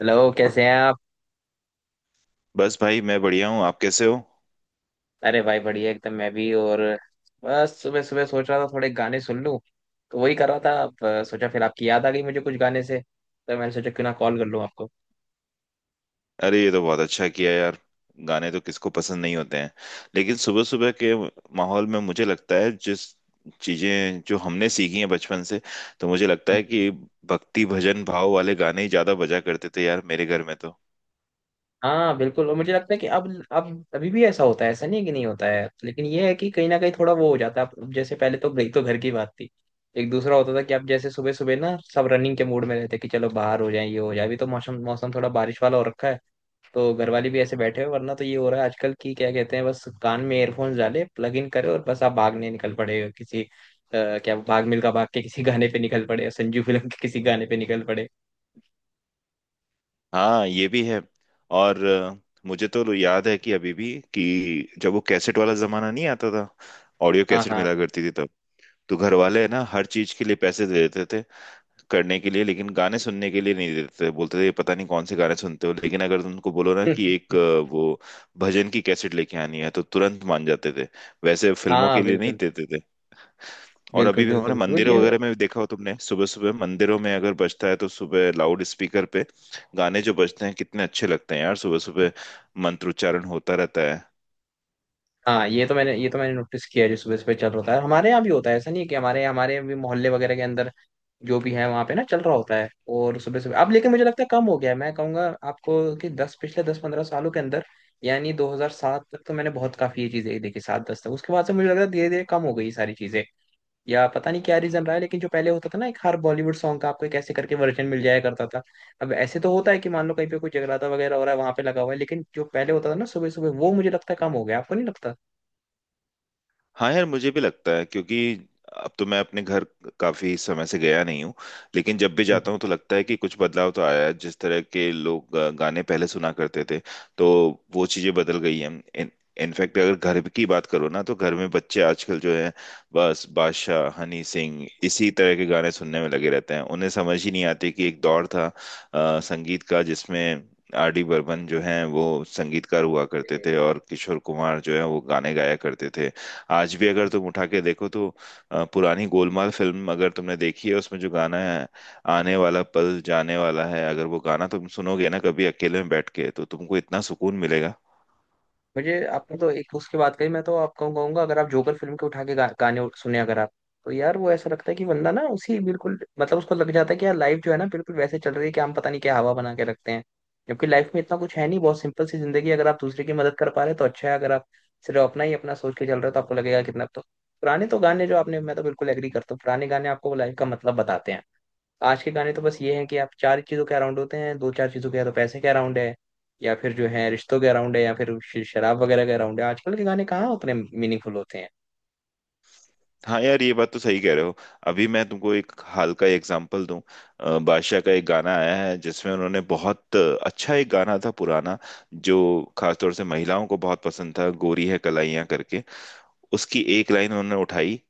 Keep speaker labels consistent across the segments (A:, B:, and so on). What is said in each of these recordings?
A: Hello, कैसे हैं आप?
B: बस भाई मैं बढ़िया हूँ। आप कैसे हो?
A: अरे भाई, बढ़िया एकदम। मैं भी और बस सुबह सुबह सोच रहा था थोड़े गाने सुन लूं, तो वही कर रहा था। सोचा फिर आपकी याद आ गई मुझे कुछ गाने से, तो मैंने सोचा क्यों ना कॉल कर लूं आपको।
B: अरे ये तो बहुत अच्छा किया यार। गाने तो किसको पसंद नहीं होते हैं, लेकिन सुबह सुबह के माहौल में मुझे लगता है जिस चीजें जो हमने सीखी हैं बचपन से, तो मुझे लगता है
A: हम्म।
B: कि भक्ति भजन भाव वाले गाने ही ज्यादा बजा करते थे यार मेरे घर में तो।
A: हाँ, बिल्कुल। और मुझे लगता है कि अब अभी भी ऐसा होता है, ऐसा नहीं है कि नहीं होता है, लेकिन ये है कि कहीं ना कहीं थोड़ा वो हो जाता है। अब जैसे पहले तो एक तो घर की बात थी, एक दूसरा होता था कि आप जैसे सुबह सुबह ना सब रनिंग के मूड में रहते कि चलो बाहर हो जाए ये हो जाए। अभी तो मौसम मौसम थोड़ा बारिश वाला हो रखा है, तो घर वाले भी ऐसे बैठे हो। वरना तो ये हो रहा है आजकल की क्या कहते हैं, बस कान में एयरफोन्स डाले, प्लग इन करे, और बस आप भागने निकल पड़े हो किसी क्या भाग मिल्खा भाग के किसी गाने पे निकल पड़े, संजू फिल्म के किसी गाने पे निकल पड़े।
B: हाँ ये भी है। और मुझे तो याद है कि अभी भी कि जब वो कैसेट वाला जमाना नहीं आता था, ऑडियो
A: हाँ,
B: कैसेट
A: हाँ।
B: मिला करती थी तब। तो घर वाले है ना हर चीज के लिए पैसे दे देते थे करने के लिए, लेकिन गाने सुनने के लिए नहीं देते थे। बोलते थे पता नहीं कौन से गाने सुनते हो, लेकिन अगर तुमको बोलो ना कि वो भजन की कैसेट लेके आनी है तो तुरंत मान जाते थे। वैसे फिल्मों
A: हाँ,
B: के लिए नहीं
A: बिल्कुल
B: देते थे। और
A: बिल्कुल।
B: अभी भी हमारे
A: बिल्कुल, तो
B: मंदिरों
A: ये,
B: वगैरह में भी देखा हो तुमने, सुबह सुबह मंदिरों में अगर बजता है तो सुबह लाउड स्पीकर पे गाने जो बजते हैं कितने अच्छे लगते हैं यार सुबह सुबह, मंत्रोच्चारण होता रहता है।
A: हाँ, ये तो मैंने, ये तो मैंने नोटिस किया है। जो सुबह सुबह चल रहा था हमारे यहाँ भी होता है, ऐसा नहीं है कि हमारे हमारे भी मोहल्ले वगैरह के अंदर जो भी है वहां पे ना चल रहा होता है। और सुबह सुबह अब लेकिन मुझे लगता है कम हो गया है, मैं कहूंगा आपको, कि दस पिछले 10-15 सालों के अंदर। यानी 2007 तक तो मैंने बहुत काफी ये चीजें देखी, सात दस तक। उसके बाद से मुझे लग रहा है धीरे धीरे कम हो गई ये सारी चीजें, या पता नहीं क्या रीजन रहा है। लेकिन जो पहले होता था ना, एक हर बॉलीवुड सॉन्ग का आपको एक ऐसे करके वर्जन मिल जाया करता था। अब ऐसे तो होता है कि मान लो कहीं पे कोई जगराता वगैरह हो रहा है वहां पे लगा हुआ है, लेकिन जो पहले होता था ना सुबह सुबह, वो मुझे लगता है कम हो गया। आपको नहीं लगता?
B: हाँ यार मुझे भी लगता है, क्योंकि अब तो मैं अपने घर काफी समय से गया नहीं हूँ, लेकिन जब भी जाता हूँ तो लगता है कि कुछ बदलाव तो आया है। जिस तरह के लोग गाने पहले सुना करते थे, तो वो चीजें बदल गई हैं। इन इनफैक्ट अगर घर की बात करो ना, तो घर में बच्चे आजकल जो है बस बादशाह हनी सिंह इसी तरह के गाने सुनने में लगे रहते हैं। उन्हें समझ ही नहीं आती कि एक दौर था संगीत का जिसमें आर डी बर्मन जो है वो संगीतकार हुआ करते
A: हम्म।
B: थे और किशोर कुमार जो है वो गाने गाया करते थे। आज भी अगर तुम उठा के देखो तो पुरानी गोलमाल फिल्म अगर तुमने देखी है उसमें जो गाना है आने वाला पल जाने वाला है, अगर वो गाना तुम सुनोगे ना कभी अकेले में बैठ के तो तुमको इतना सुकून मिलेगा।
A: मुझे आपने तो एक उसकी बात कही, मैं तो आपको कहूंगा अगर आप जोकर फिल्म के उठा के गाने सुने अगर आप, तो यार वो ऐसा लगता है कि बंदा ना उसी बिल्कुल, मतलब उसको लग जाता है कि यार लाइफ जो है ना बिल्कुल वैसे चल रही है, कि हम पता नहीं क्या हवा बना के रखते हैं। जबकि लाइफ में इतना कुछ है नहीं, बहुत सिंपल सी जिंदगी है। अगर आप दूसरे की मदद कर पा रहे हो तो अच्छा है, अगर आप सिर्फ अपना ही अपना सोच के चल रहे हो तो आपको लगेगा कितना तो। पुराने तो गाने जो आपने, मैं तो बिल्कुल एग्री करता हूँ, पुराने गाने आपको लाइफ का मतलब बताते हैं। आज के गाने तो बस ये है कि आप चार चीजों के अराउंड होते हैं, दो चार चीजों के, या तो पैसे के अराउंड है, या फिर जो है रिश्तों के अराउंड है, या फिर शराब वगैरह के अराउंड है। आजकल के गाने कहाँ उतने मीनिंगफुल होते हैं?
B: हाँ यार ये बात तो सही कह रहे हो। अभी मैं तुमको एक हाल का एग्जांपल दूं। बादशाह का एक गाना आया है जिसमें उन्होंने, बहुत अच्छा एक गाना था पुराना जो खासतौर से महिलाओं को बहुत पसंद था, गोरी है कलाइयाँ करके, उसकी एक लाइन उन्होंने उठाई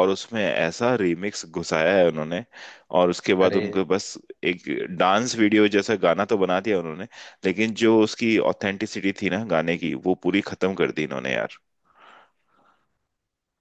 B: और उसमें ऐसा रिमिक्स घुसाया है उन्होंने। और उसके बाद
A: अरे,
B: उनको बस एक डांस वीडियो जैसा गाना तो बना दिया उन्होंने, लेकिन जो उसकी ऑथेंटिसिटी थी ना गाने की वो पूरी खत्म कर दी इन्होंने यार।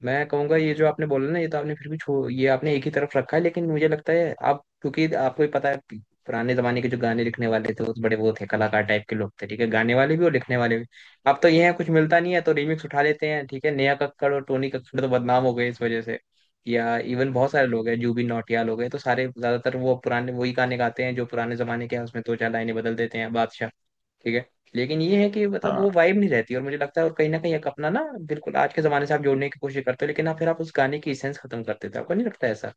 A: मैं कहूंगा ये जो आपने बोला ना, ये तो आपने फिर भी छो, ये आपने एक ही तरफ रखा है, लेकिन मुझे लगता है, आप क्योंकि आपको ही पता है कि पुराने जमाने के जो गाने लिखने वाले थे वो तो बड़े वो थे, कलाकार टाइप के लोग थे ठीक है, गाने वाले भी और लिखने वाले भी। अब तो ये है कुछ मिलता नहीं है तो रीमिक्स उठा लेते हैं। ठीक है, नेहा कक्कड़ और टोनी कक्कड़ तो बदनाम हो गए इस वजह से, या इवन बहुत सारे लोग हैं, जूबिन नौटियाल हो गए, तो सारे ज्यादातर वो पुराने वही गाने गाते हैं जो पुराने जमाने के हैं, उसमें दो चार लाइनें बदल देते हैं, बादशाह, ठीक है। लेकिन ये है कि मतलब
B: हाँ
A: वो वाइब नहीं रहती, और मुझे लगता है, और कहीं ना कहीं एक अपना ना, बिल्कुल आज के जमाने से आप जोड़ने की कोशिश करते हो, लेकिन आप फिर आप उस गाने की इसेंस खत्म कर देते हो। आपको नहीं लगता ऐसा?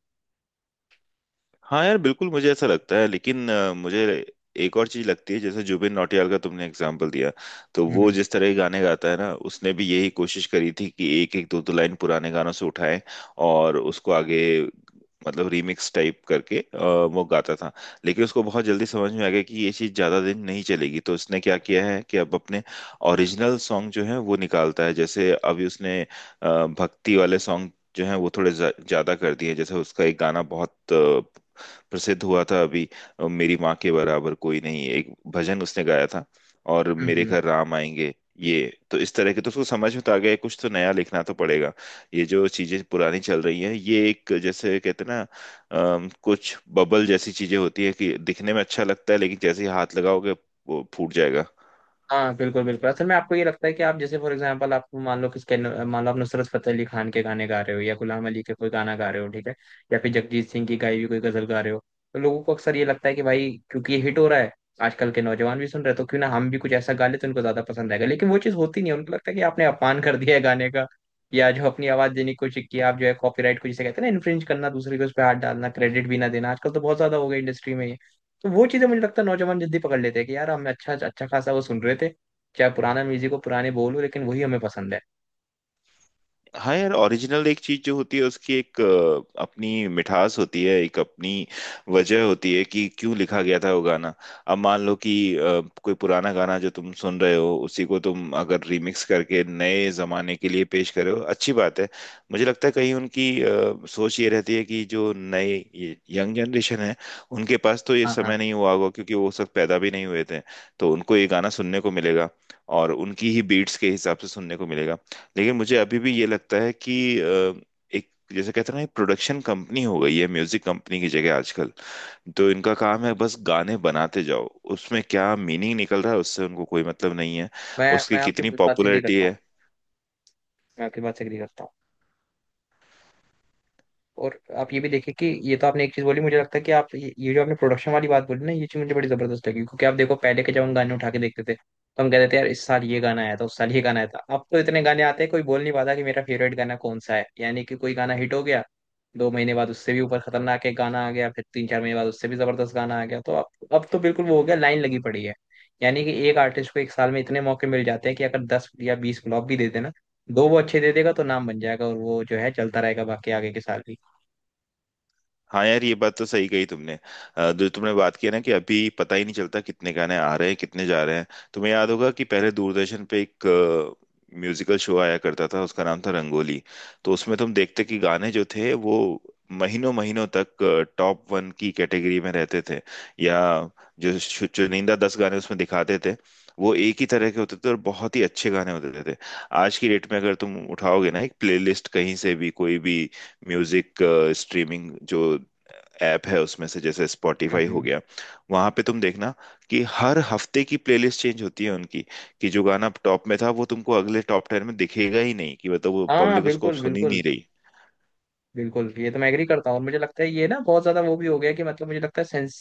B: हाँ यार बिल्कुल मुझे ऐसा लगता है, लेकिन मुझे एक और चीज लगती है। जैसे जुबिन नौटियाल का तुमने एग्जाम्पल दिया, तो वो
A: हम्म,
B: जिस तरह के गाने गाता है ना उसने भी यही कोशिश करी थी कि एक एक दो दो लाइन पुराने गानों से उठाएं और उसको आगे मतलब रीमिक्स टाइप करके वो गाता था। लेकिन उसको बहुत जल्दी समझ में आ गया कि ये चीज़ ज़्यादा दिन नहीं चलेगी, तो उसने क्या किया है कि अब अपने ओरिजिनल सॉन्ग जो है वो निकालता है। जैसे अभी उसने भक्ति वाले सॉन्ग जो है वो थोड़े ज़्यादा कर दिए। जैसे उसका एक गाना बहुत प्रसिद्ध हुआ था अभी, मेरी माँ के बराबर कोई नहीं, एक भजन उसने गाया था। और
A: हम्म।
B: मेरे
A: हम्म।
B: घर राम आएंगे, ये। तो इस तरह के तो उसको समझ में तो आ गया कुछ तो नया लिखना तो पड़ेगा। ये जो चीजें पुरानी चल रही हैं ये एक जैसे कहते हैं ना कुछ बबल जैसी चीजें होती है कि दिखने में अच्छा लगता है, लेकिन जैसे ही हाथ लगाओगे वो फूट जाएगा।
A: हाँ, बिल्कुल बिल्कुल। असल में आपको ये लगता है कि आप जैसे फॉर एग्जांपल आप मान लो किसके, मान लो आप नुसरत फतेह अली खान के गाने गा रहे हो, या गुलाम अली के कोई गाना गा रहे हो ठीक है, या फिर जगजीत सिंह की गाई हुई कोई गजल गा रहे हो, तो लोगों को अक्सर ये लगता है कि भाई क्योंकि ये हिट हो रहा है, आजकल के नौजवान भी सुन रहे हैं, तो क्यों ना हम भी कुछ ऐसा गा ले तो उनको ज्यादा पसंद आएगा। लेकिन वो चीज़ होती नहीं है, उनको लगता है कि आपने अपमान कर दिया है गाने का, या जो अपनी आवाज देने की कोशिश की आप, जो है कॉपीराइट को जिसे कहते हैं ना इन्फ्रिंज करना, दूसरे के उस पर हाथ डालना, क्रेडिट भी ना देना, आजकल तो बहुत ज्यादा हो गया इंडस्ट्री में ये। तो वो चीजें मुझे लगता है नौजवान जल्दी पकड़ लेते हैं कि यार हम अच्छा अच्छा खासा वो सुन रहे थे, चाहे पुराना म्यूजिक हो, पुराने बोल हो, लेकिन वही हमें पसंद है।
B: हाँ यार ओरिजिनल एक चीज जो होती है उसकी एक अपनी मिठास होती है, एक अपनी वजह होती है कि क्यों लिखा गया था वो गाना। अब मान लो कि कोई पुराना गाना जो तुम सुन रहे हो उसी को तुम अगर रिमिक्स करके नए जमाने के लिए पेश कर रहे हो, अच्छी बात है। मुझे लगता है कहीं उनकी सोच ये रहती है कि जो नए ये यंग जनरेशन है उनके पास तो ये
A: हाँ, हाँ।
B: समय नहीं हुआ होगा, क्योंकि वो उस वक्त पैदा भी नहीं हुए थे। तो उनको ये गाना सुनने को मिलेगा और उनकी ही बीट्स के हिसाब से सुनने को मिलेगा। लेकिन मुझे अभी भी ये लगता है कि अ, एक जैसे कहते हैं ना प्रोडक्शन कंपनी हो गई है म्यूजिक कंपनी की जगह आजकल। तो इनका काम है बस गाने बनाते जाओ, उसमें क्या मीनिंग निकल रहा है उससे उनको कोई मतलब नहीं है,
A: मैं
B: उसकी
A: मैं आपकी
B: कितनी
A: बात से एग्री
B: पॉपुलैरिटी
A: करता हूँ।
B: है।
A: मैं आपकी बात से एग्री करता हूँ। और आप ये भी देखिए कि ये तो आपने एक चीज बोली, मुझे लगता है कि आप ये जो आपने प्रोडक्शन वाली बात बोली ना, ये चीज मुझे बड़ी जबरदस्त लगी, क्योंकि आप देखो पहले के, जब हम गाने उठा के देखते थे तो हम कहते थे यार इस साल ये गाना आया था, उस साल ये गाना आया था। अब तो इतने गाने आते हैं कोई बोल नहीं पाता कि मेरा फेवरेट गाना कौन सा है, यानी कि कोई गाना हिट हो गया, 2 महीने बाद उससे भी ऊपर खतरनाक एक गाना आ गया, फिर 3-4 महीने बाद उससे भी जबरदस्त गाना आ गया। तो अब तो बिल्कुल वो हो गया, लाइन लगी पड़ी है। यानी कि एक आर्टिस्ट को 1 साल में इतने मौके मिल जाते हैं कि अगर 10 या 20 फ्लॉप भी दे देना, दो वो अच्छे दे देगा तो नाम बन जाएगा, और वो जो है चलता रहेगा बाकी आगे के साल भी।
B: हाँ यार ये बात तो सही कही तुमने। जो तुमने बात की है ना कि अभी पता ही नहीं चलता कितने गाने आ रहे हैं कितने जा रहे हैं। तुम्हें याद होगा कि पहले दूरदर्शन पे एक म्यूजिकल शो आया करता था, उसका नाम था रंगोली। तो उसमें तुम देखते कि गाने जो थे वो महीनों महीनों तक टॉप वन की कैटेगरी में रहते थे, या जो चुनिंदा 10 गाने उसमें दिखाते थे वो एक ही तरह के होते थे और बहुत ही अच्छे गाने होते थे। आज की डेट में अगर तुम उठाओगे ना एक प्लेलिस्ट कहीं से भी, कोई भी म्यूजिक स्ट्रीमिंग जो ऐप है उसमें से, जैसे स्पॉटिफाई हो
A: हम्म।
B: गया, वहां पे तुम देखना कि हर हफ्ते की प्लेलिस्ट चेंज होती है उनकी। कि जो गाना टॉप में था वो तुमको अगले टॉप टेन में दिखेगा ही नहीं, कि मतलब वो
A: हाँ,
B: पब्लिक उसको अब
A: बिल्कुल
B: सुन ही
A: बिल्कुल।
B: नहीं रही।
A: बिल्कुल, ये तो मैं एग्री करता हूँ। और मुझे लगता है ये ना बहुत ज्यादा वो भी हो गया कि मतलब मुझे लगता है सेंस,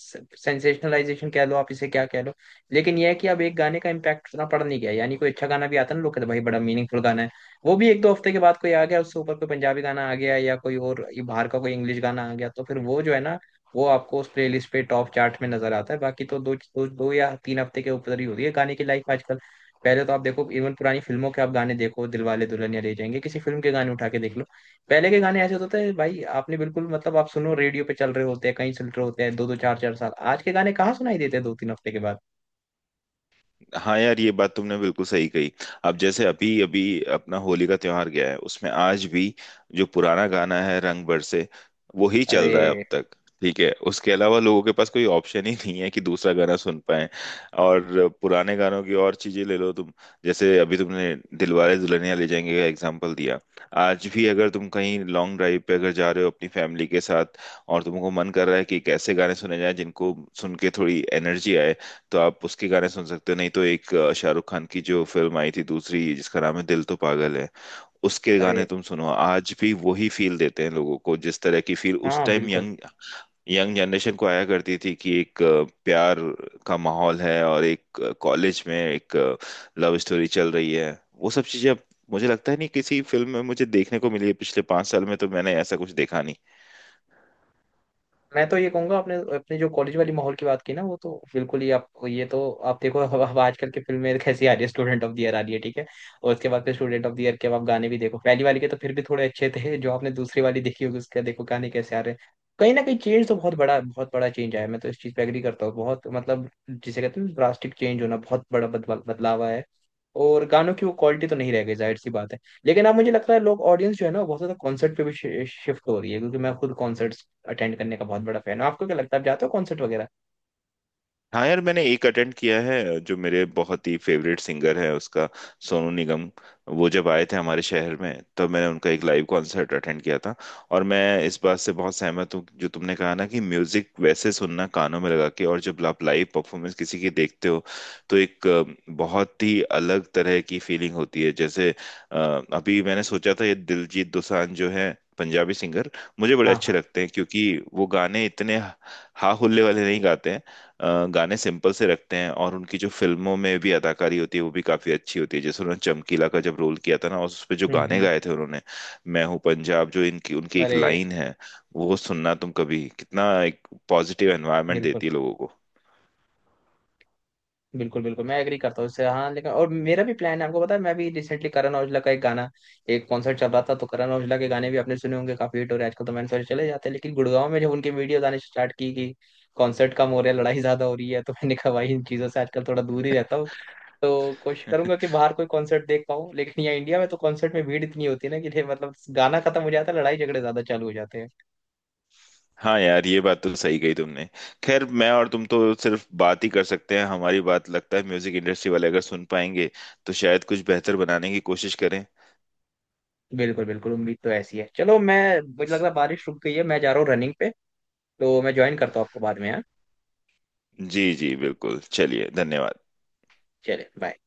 A: सेंसेशनलाइजेशन कह लो आप इसे, क्या कह लो, लेकिन ये है कि अब एक गाने का इम्पैक्ट उतना पड़ नहीं गया, यानी कोई अच्छा गाना भी आता है ना, लोग कहते हैं भाई बड़ा मीनिंगफुल गाना है, वो भी 1-2 हफ्ते के बाद कोई आ गया उससे ऊपर, कोई पंजाबी गाना आ गया, या कोई और ये बाहर का कोई इंग्लिश गाना आ गया, तो फिर वो जो है ना वो आपको उस प्लेलिस्ट पे टॉप चार्ट में नजर आता है। बाकी तो दो दो, 2 या 3 हफ्ते के ऊपर ही होती है गाने की लाइफ आजकल। पहले तो आप देखो इवन पुरानी फिल्मों के आप गाने देखो, दिलवाले दुल्हनिया ले जाएंगे, किसी फिल्म के गाने उठा के देख लो, पहले के गाने ऐसे होते थे भाई, आपने बिल्कुल मतलब आप सुनो रेडियो पे चल रहे होते हैं, कहीं सुन रहे होते हैं, दो दो चार चार साल। आज के गाने कहाँ सुनाई देते हैं 2-3 हफ्ते के बाद।
B: हाँ यार ये बात तुमने बिल्कुल सही कही। अब जैसे अभी अभी अपना होली का त्योहार गया है, उसमें आज भी जो पुराना गाना है रंग बरसे वो ही
A: अरे,
B: चल रहा है अब तक। ठीक है, उसके अलावा लोगों के पास कोई ऑप्शन ही नहीं है कि दूसरा गाना सुन पाए। और पुराने गानों की और चीजें ले लो तुम। जैसे अभी तुमने दिलवाले दुल्हनिया ले जाएंगे का एग्जाम्पल दिया, आज भी अगर तुम कहीं लॉन्ग ड्राइव पे अगर जा रहे हो अपनी फैमिली के साथ और तुमको मन कर रहा है कि कैसे गाने सुने जाएं जिनको सुन के थोड़ी एनर्जी आए, तो आप उसके गाने सुन सकते हो। नहीं तो एक शाहरुख खान की जो फिल्म आई थी दूसरी जिसका नाम है दिल तो पागल है, उसके
A: अरे।
B: गाने तुम सुनो आज भी वही फील देते हैं लोगों को, जिस तरह की फील उस
A: हाँ,
B: टाइम
A: बिल्कुल।
B: यंग यंग जनरेशन को आया करती थी कि एक प्यार का माहौल है और एक कॉलेज में एक लव स्टोरी चल रही है। वो सब चीजें अब मुझे लगता है नहीं किसी फिल्म में मुझे देखने को मिली है, पिछले 5 साल में तो मैंने ऐसा कुछ देखा नहीं।
A: मैं तो ये कहूंगा, आपने अपने जो कॉलेज वाली माहौल की बात की ना, वो तो बिल्कुल ही, आप ये तो आप देखो अब आजकल के फिल्म में कैसी आ रही है, स्टूडेंट ऑफ द ईयर आ रही है ठीक है, और उसके बाद फिर स्टूडेंट ऑफ द ईयर के, अब आप गाने भी देखो पहली वाली के तो फिर भी थोड़े अच्छे थे, जो आपने दूसरी वाली देखी होगी उसके देखो गाने कैसे आ रहे हैं। कहीं ना कहीं चेंज तो बहुत बड़ा, बहुत बड़ा चेंज आया है। मैं तो इस चीज पे एग्री करता हूँ बहुत, मतलब जिसे कहते हैं ड्रास्टिक चेंज होना, बहुत बड़ा बदलाव, बदलाव आया है, और गानों की वो क्वालिटी तो नहीं रह गई जाहिर सी बात है। लेकिन अब मुझे लगता है लोग, ऑडियंस जो है ना वो बहुत ज्यादा कॉन्सर्ट पे भी शिफ्ट हो रही है, क्योंकि मैं खुद कॉन्सर्ट्स अटेंड करने का बहुत बड़ा फैन हूँ। आपको क्या लगता है, आप जाते हो कॉन्सर्ट वगैरह?
B: हाँ यार मैंने एक अटेंड किया है जो मेरे बहुत ही फेवरेट सिंगर है उसका, सोनू निगम, वो जब आए थे हमारे शहर में तब मैंने उनका एक लाइव कॉन्सर्ट अटेंड किया था। और मैं इस बात से बहुत सहमत हूँ जो तुमने कहा ना कि म्यूजिक वैसे सुनना कानों में लगा के, और जब आप लाइव परफॉर्मेंस किसी की देखते हो तो एक बहुत ही अलग तरह की फीलिंग होती है। जैसे अ, अभी मैंने सोचा था ये दिलजीत दोसांझ जो है पंजाबी सिंगर, मुझे बड़े
A: हाँ।
B: अच्छे लगते हैं, क्योंकि वो गाने इतने हा हुल्ले वाले नहीं गाते हैं। गाने सिंपल से रखते हैं और उनकी जो फिल्मों में भी अदाकारी होती है वो भी काफी अच्छी होती है। जैसे उन्होंने चमकीला का जब रोल किया था ना उस पे जो
A: हम्म,
B: गाने
A: हम्म।
B: गाए थे उन्होंने, मैं हूँ पंजाब जो इनकी उनकी एक
A: अरे,
B: लाइन है, वो सुनना तुम कभी, कितना एक पॉजिटिव एनवायरनमेंट
A: बिल्कुल
B: देती है लोगों को।
A: बिल्कुल। बिल्कुल, मैं एग्री करता हूँ इससे, हाँ। लेकिन और मेरा भी प्लान है आपको पता है, मैं भी रिसेंटली करण औजला का एक गाना, एक कॉन्सर्ट चल रहा था, तो करण औजला के गाने भी आपने सुने होंगे, काफी हिट हो रहे हैं आजकल, तो मैंने सोचा चले जाते हैं। लेकिन गुड़गांव में जब उनके वीडियोज आने स्टार्ट की कि कॉन्सर्ट कम हो रहा है, लड़ाई ज्यादा हो रही है, तो मैंने कहा भाई इन चीजों से आजकल थोड़ा दूर ही रहता हूँ। तो कोशिश करूंगा कि बाहर कोई कॉन्सर्ट देख पाऊँ, लेकिन यहाँ इंडिया में तो कॉन्सर्ट में भीड़ इतनी होती है ना कि ये मतलब गाना खत्म हो जाता है, लड़ाई झगड़े ज्यादा चालू हो जाते हैं।
B: हाँ यार ये बात तो सही कही तुमने। खैर मैं और तुम तो सिर्फ बात ही कर सकते हैं, हमारी बात लगता है म्यूजिक इंडस्ट्री वाले अगर सुन पाएंगे तो शायद कुछ बेहतर बनाने की कोशिश करें।
A: बिल्कुल बिल्कुल, उम्मीद तो ऐसी है। चलो, मैं, मुझे लग रहा है बारिश रुक गई है, मैं जा रहा हूँ रनिंग पे, तो मैं ज्वाइन करता हूँ आपको बाद में यार।
B: जी जी बिल्कुल, चलिए धन्यवाद।
A: चले, बाय।